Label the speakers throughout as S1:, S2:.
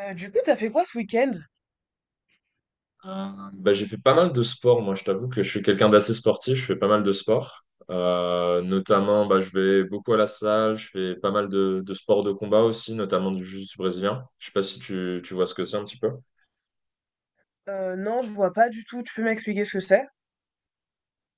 S1: Du coup, t'as fait quoi ce week-end?
S2: Euh, bah, j'ai fait pas mal de sport, moi je t'avoue que je suis quelqu'un d'assez sportif, je fais pas mal de sport. Notamment, bah, je vais beaucoup à la salle, je fais pas mal de sports de combat aussi, notamment du jiu-jitsu brésilien. Je sais pas si tu vois ce que c'est un petit peu.
S1: Non, je vois pas du tout. Tu peux m'expliquer ce que c'est?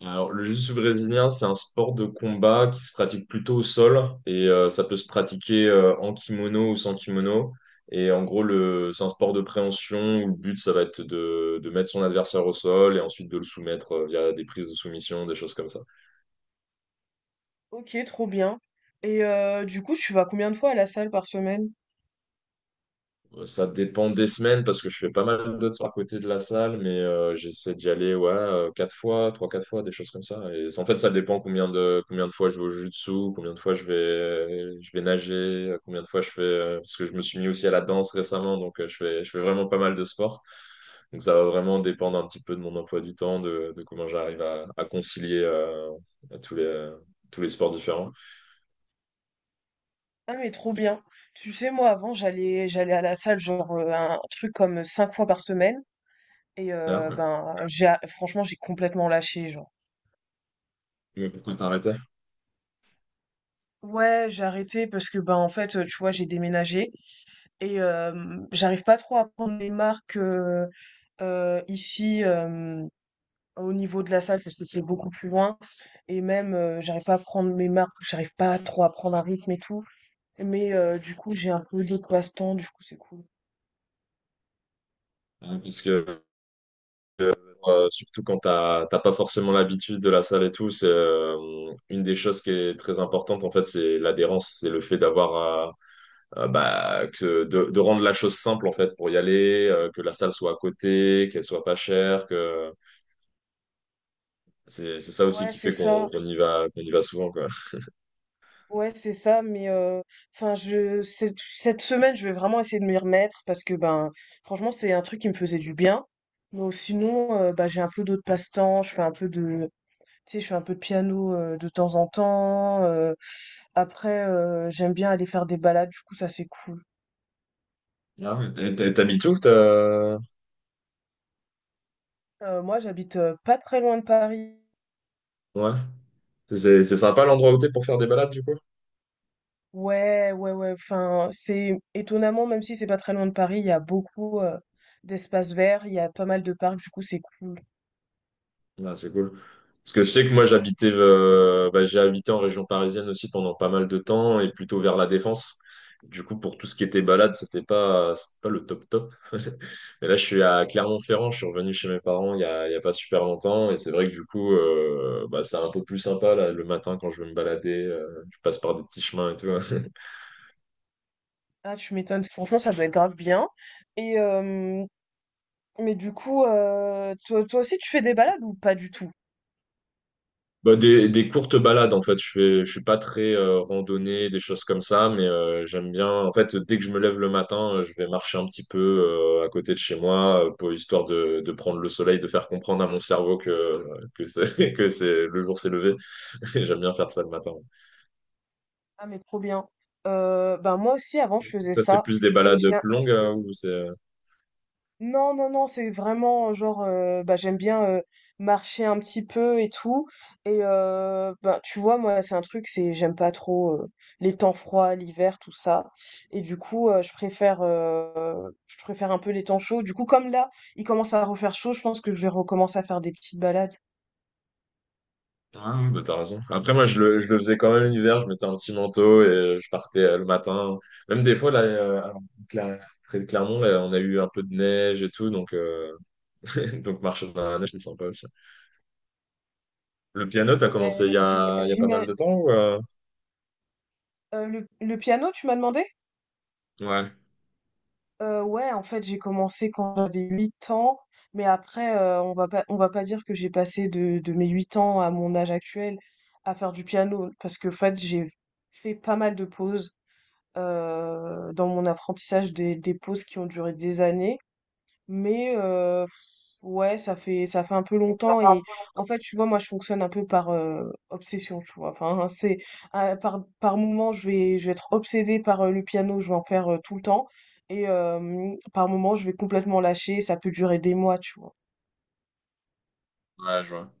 S2: Alors, le jiu-jitsu brésilien, c'est un sport de combat qui se pratique plutôt au sol et ça peut se pratiquer en kimono ou sans kimono. Et en gros, c'est un sport de préhension où le but, ça va être de mettre son adversaire au sol et ensuite de le soumettre via des prises de soumission, des choses comme ça.
S1: Ok, trop bien. Et du coup, tu vas combien de fois à la salle par semaine?
S2: Ça dépend des semaines parce que je fais pas mal d'autres à côté de la salle, mais j'essaie d'y aller ouais, quatre fois, trois, quatre fois, des choses comme ça. Et en fait, ça dépend combien de fois je vais au jiu-jitsu, combien de fois je vais nager, combien de fois je fais. Parce que je me suis mis aussi à la danse récemment, donc je fais vraiment pas mal de sport. Donc ça va vraiment dépendre un petit peu de mon emploi du temps, de comment j'arrive à concilier tous les, tous les sports différents.
S1: Ah mais trop bien. Tu sais, moi avant, j'allais à la salle genre un truc comme 5 fois par semaine. Et
S2: Ah, ouais.
S1: ben, j'ai franchement, j'ai complètement lâché. Genre.
S2: Mais pourquoi t'arrêtais?
S1: Ouais, j'ai arrêté parce que, ben en fait, tu vois, j'ai déménagé et j'arrive pas trop à prendre les marques, ici, au niveau de la salle parce que c'est beaucoup plus loin et même, j'arrive pas à prendre mes marques, j'arrive pas trop à prendre un rythme et tout. Mais du coup, j'ai un peu d'autres passe-temps, du coup, c'est cool.
S2: Ah, que, surtout quand t'as pas forcément l'habitude de la salle et tout, c'est une des choses qui est très importante en fait, c'est l'adhérence, c'est le fait d'avoir bah, que de rendre la chose simple en fait pour y aller, que la salle soit à côté, qu'elle soit pas chère, que c'est ça aussi
S1: Ouais,
S2: qui
S1: c'est
S2: fait qu'on
S1: ça.
S2: qu'on y va qu'on y va souvent quoi.
S1: Ouais, c'est ça, mais enfin, je cette semaine, je vais vraiment essayer de m'y remettre parce que ben, franchement, c'est un truc qui me faisait du bien. Mais sinon, bah, j'ai un peu d'autres passe-temps. Je fais un peu tu sais, je fais un peu de piano de temps en temps. Après, j'aime bien aller faire des balades. Du coup, ça c'est cool.
S2: Ah, mais t'habites où?
S1: Moi, j'habite pas très loin de Paris.
S2: Ouais. C'est sympa l'endroit où t'es pour faire des balades du coup?
S1: Ouais, ouais, ouais. Enfin, c'est étonnamment, même si c'est pas très loin de Paris, il y a beaucoup d'espaces verts, il y a pas mal de parcs, du coup, c'est cool.
S2: Ah, c'est cool. Parce que je sais que moi j'habitais bah, j'ai habité en région parisienne aussi pendant pas mal de temps et plutôt vers la Défense. Du coup, pour tout ce qui était balade, c'était pas le top top. Mais là, je suis à Clermont-Ferrand, je suis revenu chez mes parents il y a pas super longtemps. Et c'est vrai que du coup, bah, c'est un peu plus sympa là, le matin quand je veux me balader. Je passe par des petits chemins et tout.
S1: Ah, tu m'étonnes. Franchement, ça doit être grave bien. Et mais du coup, toi aussi, tu fais des balades ou pas du tout?
S2: Bah, des courtes balades en fait. Je suis pas très randonnée, des choses comme ça, mais j'aime bien. En fait, dès que je me lève le matin, je vais marcher un petit peu à côté de chez moi, pour histoire de prendre le soleil, de faire comprendre à mon cerveau que c'est que c'est le jour s'est levé. J'aime bien faire ça le matin.
S1: Ah, mais trop bien. Ben moi aussi, avant, je faisais
S2: Ça, c'est
S1: ça.
S2: plus des
S1: Et
S2: balades
S1: j'ai
S2: plus longues ou c'est
S1: Non, non, non, c'est vraiment, genre, bah, j'aime bien, marcher un petit peu et tout et ben, tu vois, moi, c'est un truc, c'est j'aime pas trop, les temps froids, l'hiver, tout ça et du coup, je préfère un peu les temps chauds. Du coup, comme là, il commence à refaire chaud, je pense que je vais recommencer à faire des petites balades.
S2: Ah oui, bah t'as raison. Après, moi, je le faisais quand même l'hiver, je mettais un petit manteau et je partais le matin. Même des fois, là, alors, près de Clermont, là, on a eu un peu de neige et tout, donc, donc marcher dans la neige, c'est sympa aussi. Le piano, t'as commencé
S1: Ouais,
S2: il y
S1: j'im
S2: a, il y a pas
S1: j'ima
S2: mal de temps ou,
S1: Le piano, tu m'as demandé?
S2: Ouais,
S1: Ouais, en fait, j'ai commencé quand j'avais 8 ans, mais après, on va pas dire que j'ai passé de mes 8 ans à mon âge actuel à faire du piano, parce que en fait, j'ai fait pas mal de pauses, dans mon apprentissage, des pauses qui ont duré des années. Mais ouais, ça fait un peu longtemps et en fait, tu vois, moi je fonctionne un peu par obsession, tu vois. Enfin, c'est par moment, je vais être obsédée par le piano, je vais en faire tout le temps et par moment, je vais complètement lâcher, ça peut durer des mois, tu vois.
S2: ouais, je vois.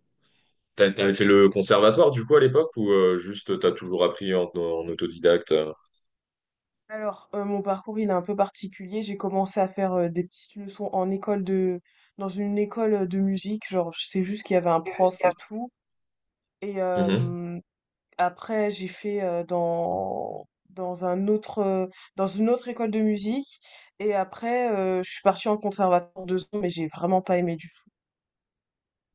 S2: T'avais fait le conservatoire, du coup, à l'époque, ou juste t'as toujours appris en autodidacte?
S1: Alors, mon parcours, il est un peu particulier. J'ai commencé à faire des petites leçons en école de dans une école de musique, genre je sais juste qu'il y avait un prof
S2: Jusqu'à-
S1: et tout et
S2: Mhm.
S1: après, j'ai fait dans un autre dans une autre école de musique et après je suis partie en conservatoire 2 ans mais j'ai vraiment pas aimé du tout.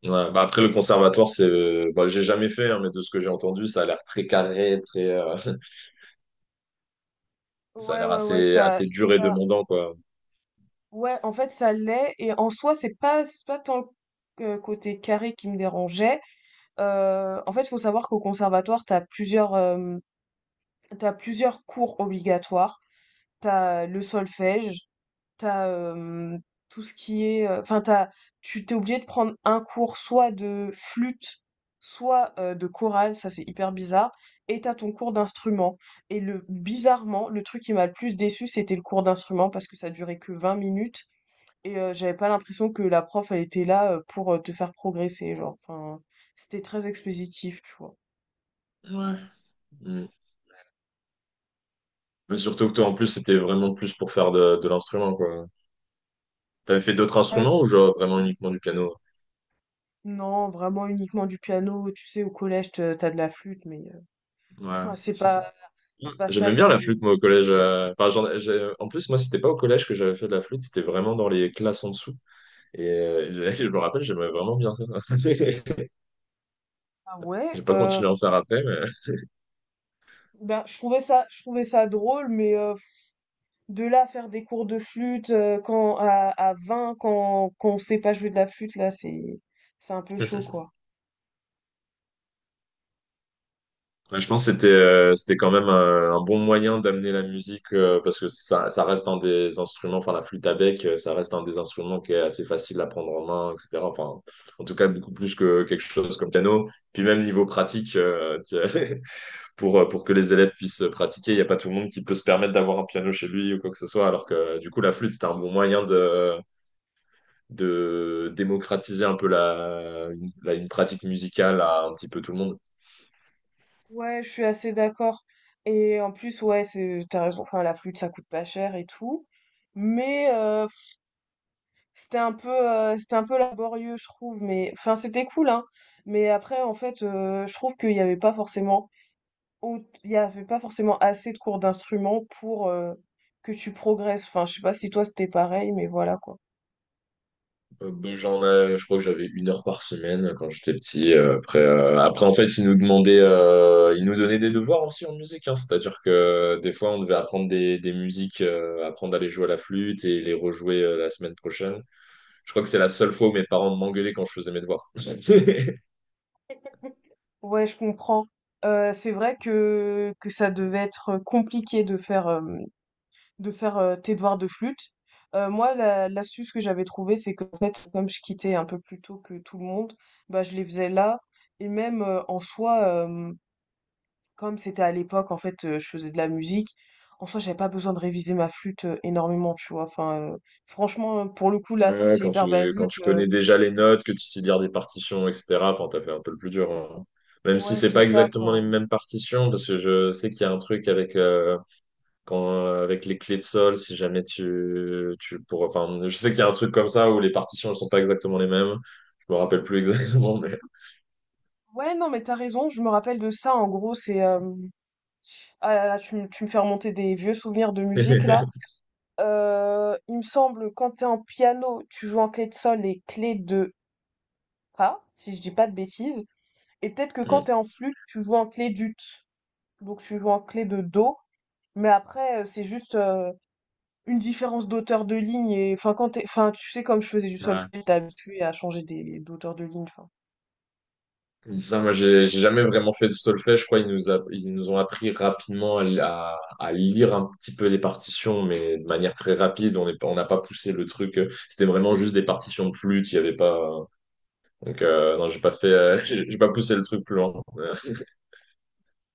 S2: Ouais, bah après le conservatoire c'est bah, j'ai jamais fait hein, mais de ce que j'ai entendu ça a l'air très carré très Ça a
S1: Ouais
S2: l'air
S1: ouais ouais
S2: assez, assez dur et
S1: ça
S2: demandant, quoi.
S1: ouais en fait ça l'est et en soi c'est pas tant que côté carré qui me dérangeait. En fait, il faut savoir qu'au conservatoire t'as plusieurs cours obligatoires. T'as le solfège t'as as, tout ce qui est, enfin t'as tu t'es obligé de prendre un cours soit de flûte, soit, de chorale, ça c'est hyper bizarre et t'as ton cours d'instrument et le bizarrement, le truc qui m'a le plus déçu c'était le cours d'instrument parce que ça durait que 20 minutes et j'avais pas l'impression que la prof, elle était là, pour, te faire progresser, genre, enfin, c'était très expositif, tu vois?
S2: Ouais. Mm. Mais surtout que toi, en plus, c'était vraiment plus pour faire de l'instrument, quoi. T'avais fait d'autres
S1: Ouais, v
S2: instruments ou genre vraiment uniquement du piano?
S1: Non, vraiment uniquement du piano, tu sais, au collège, te tu de la flûte mais
S2: Ouais.
S1: enfin, c'est pas ça
S2: J'aimais bien la flûte,
S1: qui...
S2: moi, au collège. Enfin, en plus, moi, c'était pas au collège que j'avais fait de la flûte, c'était vraiment dans les classes en dessous. Et je me rappelle, j'aimais vraiment bien ça.
S1: Ah
S2: J'ai
S1: ouais,
S2: pas continué à en faire après, mais...
S1: je trouvais ça drôle, mais de là à faire des cours de flûte à 20 quand on sait pas jouer de la flûte là, c'est un peu chaud quoi.
S2: Ouais, je pense que c'était quand même un bon moyen d'amener la musique parce que ça reste un des instruments, enfin la flûte à bec, ça reste un des instruments qui est assez facile à prendre en main, etc. Enfin, en tout cas, beaucoup plus que quelque chose comme piano. Puis même niveau pratique, tu pour que les élèves puissent pratiquer, il n'y a pas tout le monde qui peut se permettre d'avoir un piano chez lui ou quoi que ce soit, alors que du coup, la flûte, c'était un bon moyen de démocratiser un peu une pratique musicale à un petit peu tout le monde.
S1: Ouais, je suis assez d'accord. Et en plus ouais, c'est t'as raison, enfin la flûte ça coûte pas cher et tout, mais c'était un peu laborieux je trouve, mais enfin c'était cool hein. Mais après en fait je trouve qu'il n'y avait pas forcément Ou il y avait pas forcément assez de cours d'instruments pour que tu progresses. Enfin, je sais pas si toi c'était pareil, mais voilà quoi.
S2: Ben, j'en ai, je crois que j'avais 1 heure par semaine quand j'étais petit. Après, en fait, ils nous donnaient des devoirs aussi en musique. Hein. C'est-à-dire que des fois, on devait apprendre des musiques, apprendre à les jouer à la flûte et les rejouer la semaine prochaine. Je crois que c'est la seule fois où mes parents m'engueulaient quand je faisais mes devoirs.
S1: Ouais, je comprends. C'est vrai que ça devait être compliqué de faire, tes devoirs de flûte. Moi, l'astuce que j'avais trouvée, c'est qu'en fait, comme je quittais un peu plus tôt que tout le monde, bah, je les faisais là. Et même en soi, comme c'était à l'époque, en fait, je faisais de la musique, en soi, j'avais pas besoin de réviser ma flûte, énormément, tu vois? Enfin, franchement, pour le coup, la flûte,
S2: Ouais,
S1: c'est
S2: quand
S1: hyper
S2: tu,
S1: basique,
S2: quand tu connais déjà les notes, que tu sais lire des partitions, etc. Enfin, t'as fait un peu le plus dur. Hein. Même si
S1: ouais,
S2: c'est
S1: c'est
S2: pas
S1: ça,
S2: exactement les
S1: enfin
S2: mêmes partitions, parce que je sais qu'il y a un truc avec. Quand, avec les clés de sol, si jamais enfin, je sais qu'il y a un truc comme ça où les partitions ne sont pas exactement les mêmes. Je me rappelle plus exactement, mais
S1: ouais, non, mais t'as raison, je me rappelle de ça, en gros, c'est, hem ah là là, tu me fais remonter des vieux souvenirs de musique, là. Il me semble, quand t'es en piano, tu joues en clé de sol et clé de fa, si je dis pas de bêtises et peut-être que quand
S2: Mm.
S1: t'es en flûte, tu joues en clé d'ut, donc tu joues en clé de do, mais après, c'est juste, une différence d'auteur de ligne et enfin enfin tu sais comme je faisais du
S2: Ouais.
S1: solfège t'es habitué à changer des d'auteur de ligne enfin...
S2: Mm. Ça, moi, j'ai jamais vraiment fait de solfège. Je crois qu'ils nous ont appris rapidement à lire un petit peu les partitions, mais de manière très rapide. On n'a pas poussé le truc. C'était vraiment juste des partitions de flûte. Il y avait pas. Donc non, j'ai pas fait, j'ai pas poussé le truc plus loin.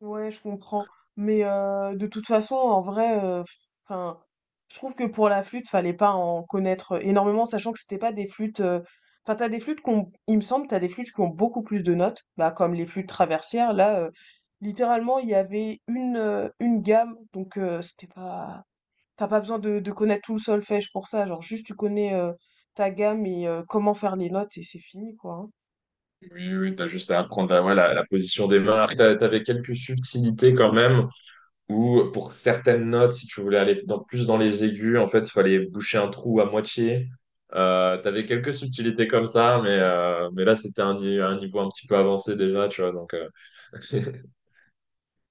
S1: Ouais, je comprends. Mais de toute façon, en vrai, enfin, je trouve que pour la flûte, fallait pas en connaître énormément, sachant que c'était pas des flûtes. Enfin, t'as des flûtes qu'on, il me semble, t'as des flûtes qui ont beaucoup plus de notes, bah comme les flûtes traversières. Là, littéralement, il y avait une gamme, donc c'était pas. T'as pas besoin de connaître tout le solfège pour ça. Genre, juste tu connais ta gamme et comment faire les notes et c'est fini, quoi. Hein.
S2: Oui, oui, oui, t'as juste à apprendre ouais, la position des mains. T'avais quelques subtilités quand même, où pour certaines notes, si tu voulais aller plus dans les aigus, en fait, il fallait boucher un trou à moitié. T'avais quelques subtilités comme ça, mais là, c'était un, ni- un niveau un petit peu avancé déjà, tu vois, donc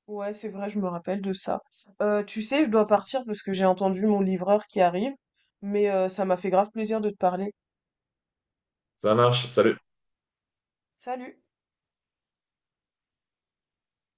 S1: Ouais, c'est vrai, je me rappelle de ça. Tu sais, je dois partir parce que j'ai entendu mon livreur qui arrive, mais ça m'a fait grave plaisir de te parler.
S2: Ça marche. Salut.
S1: Salut!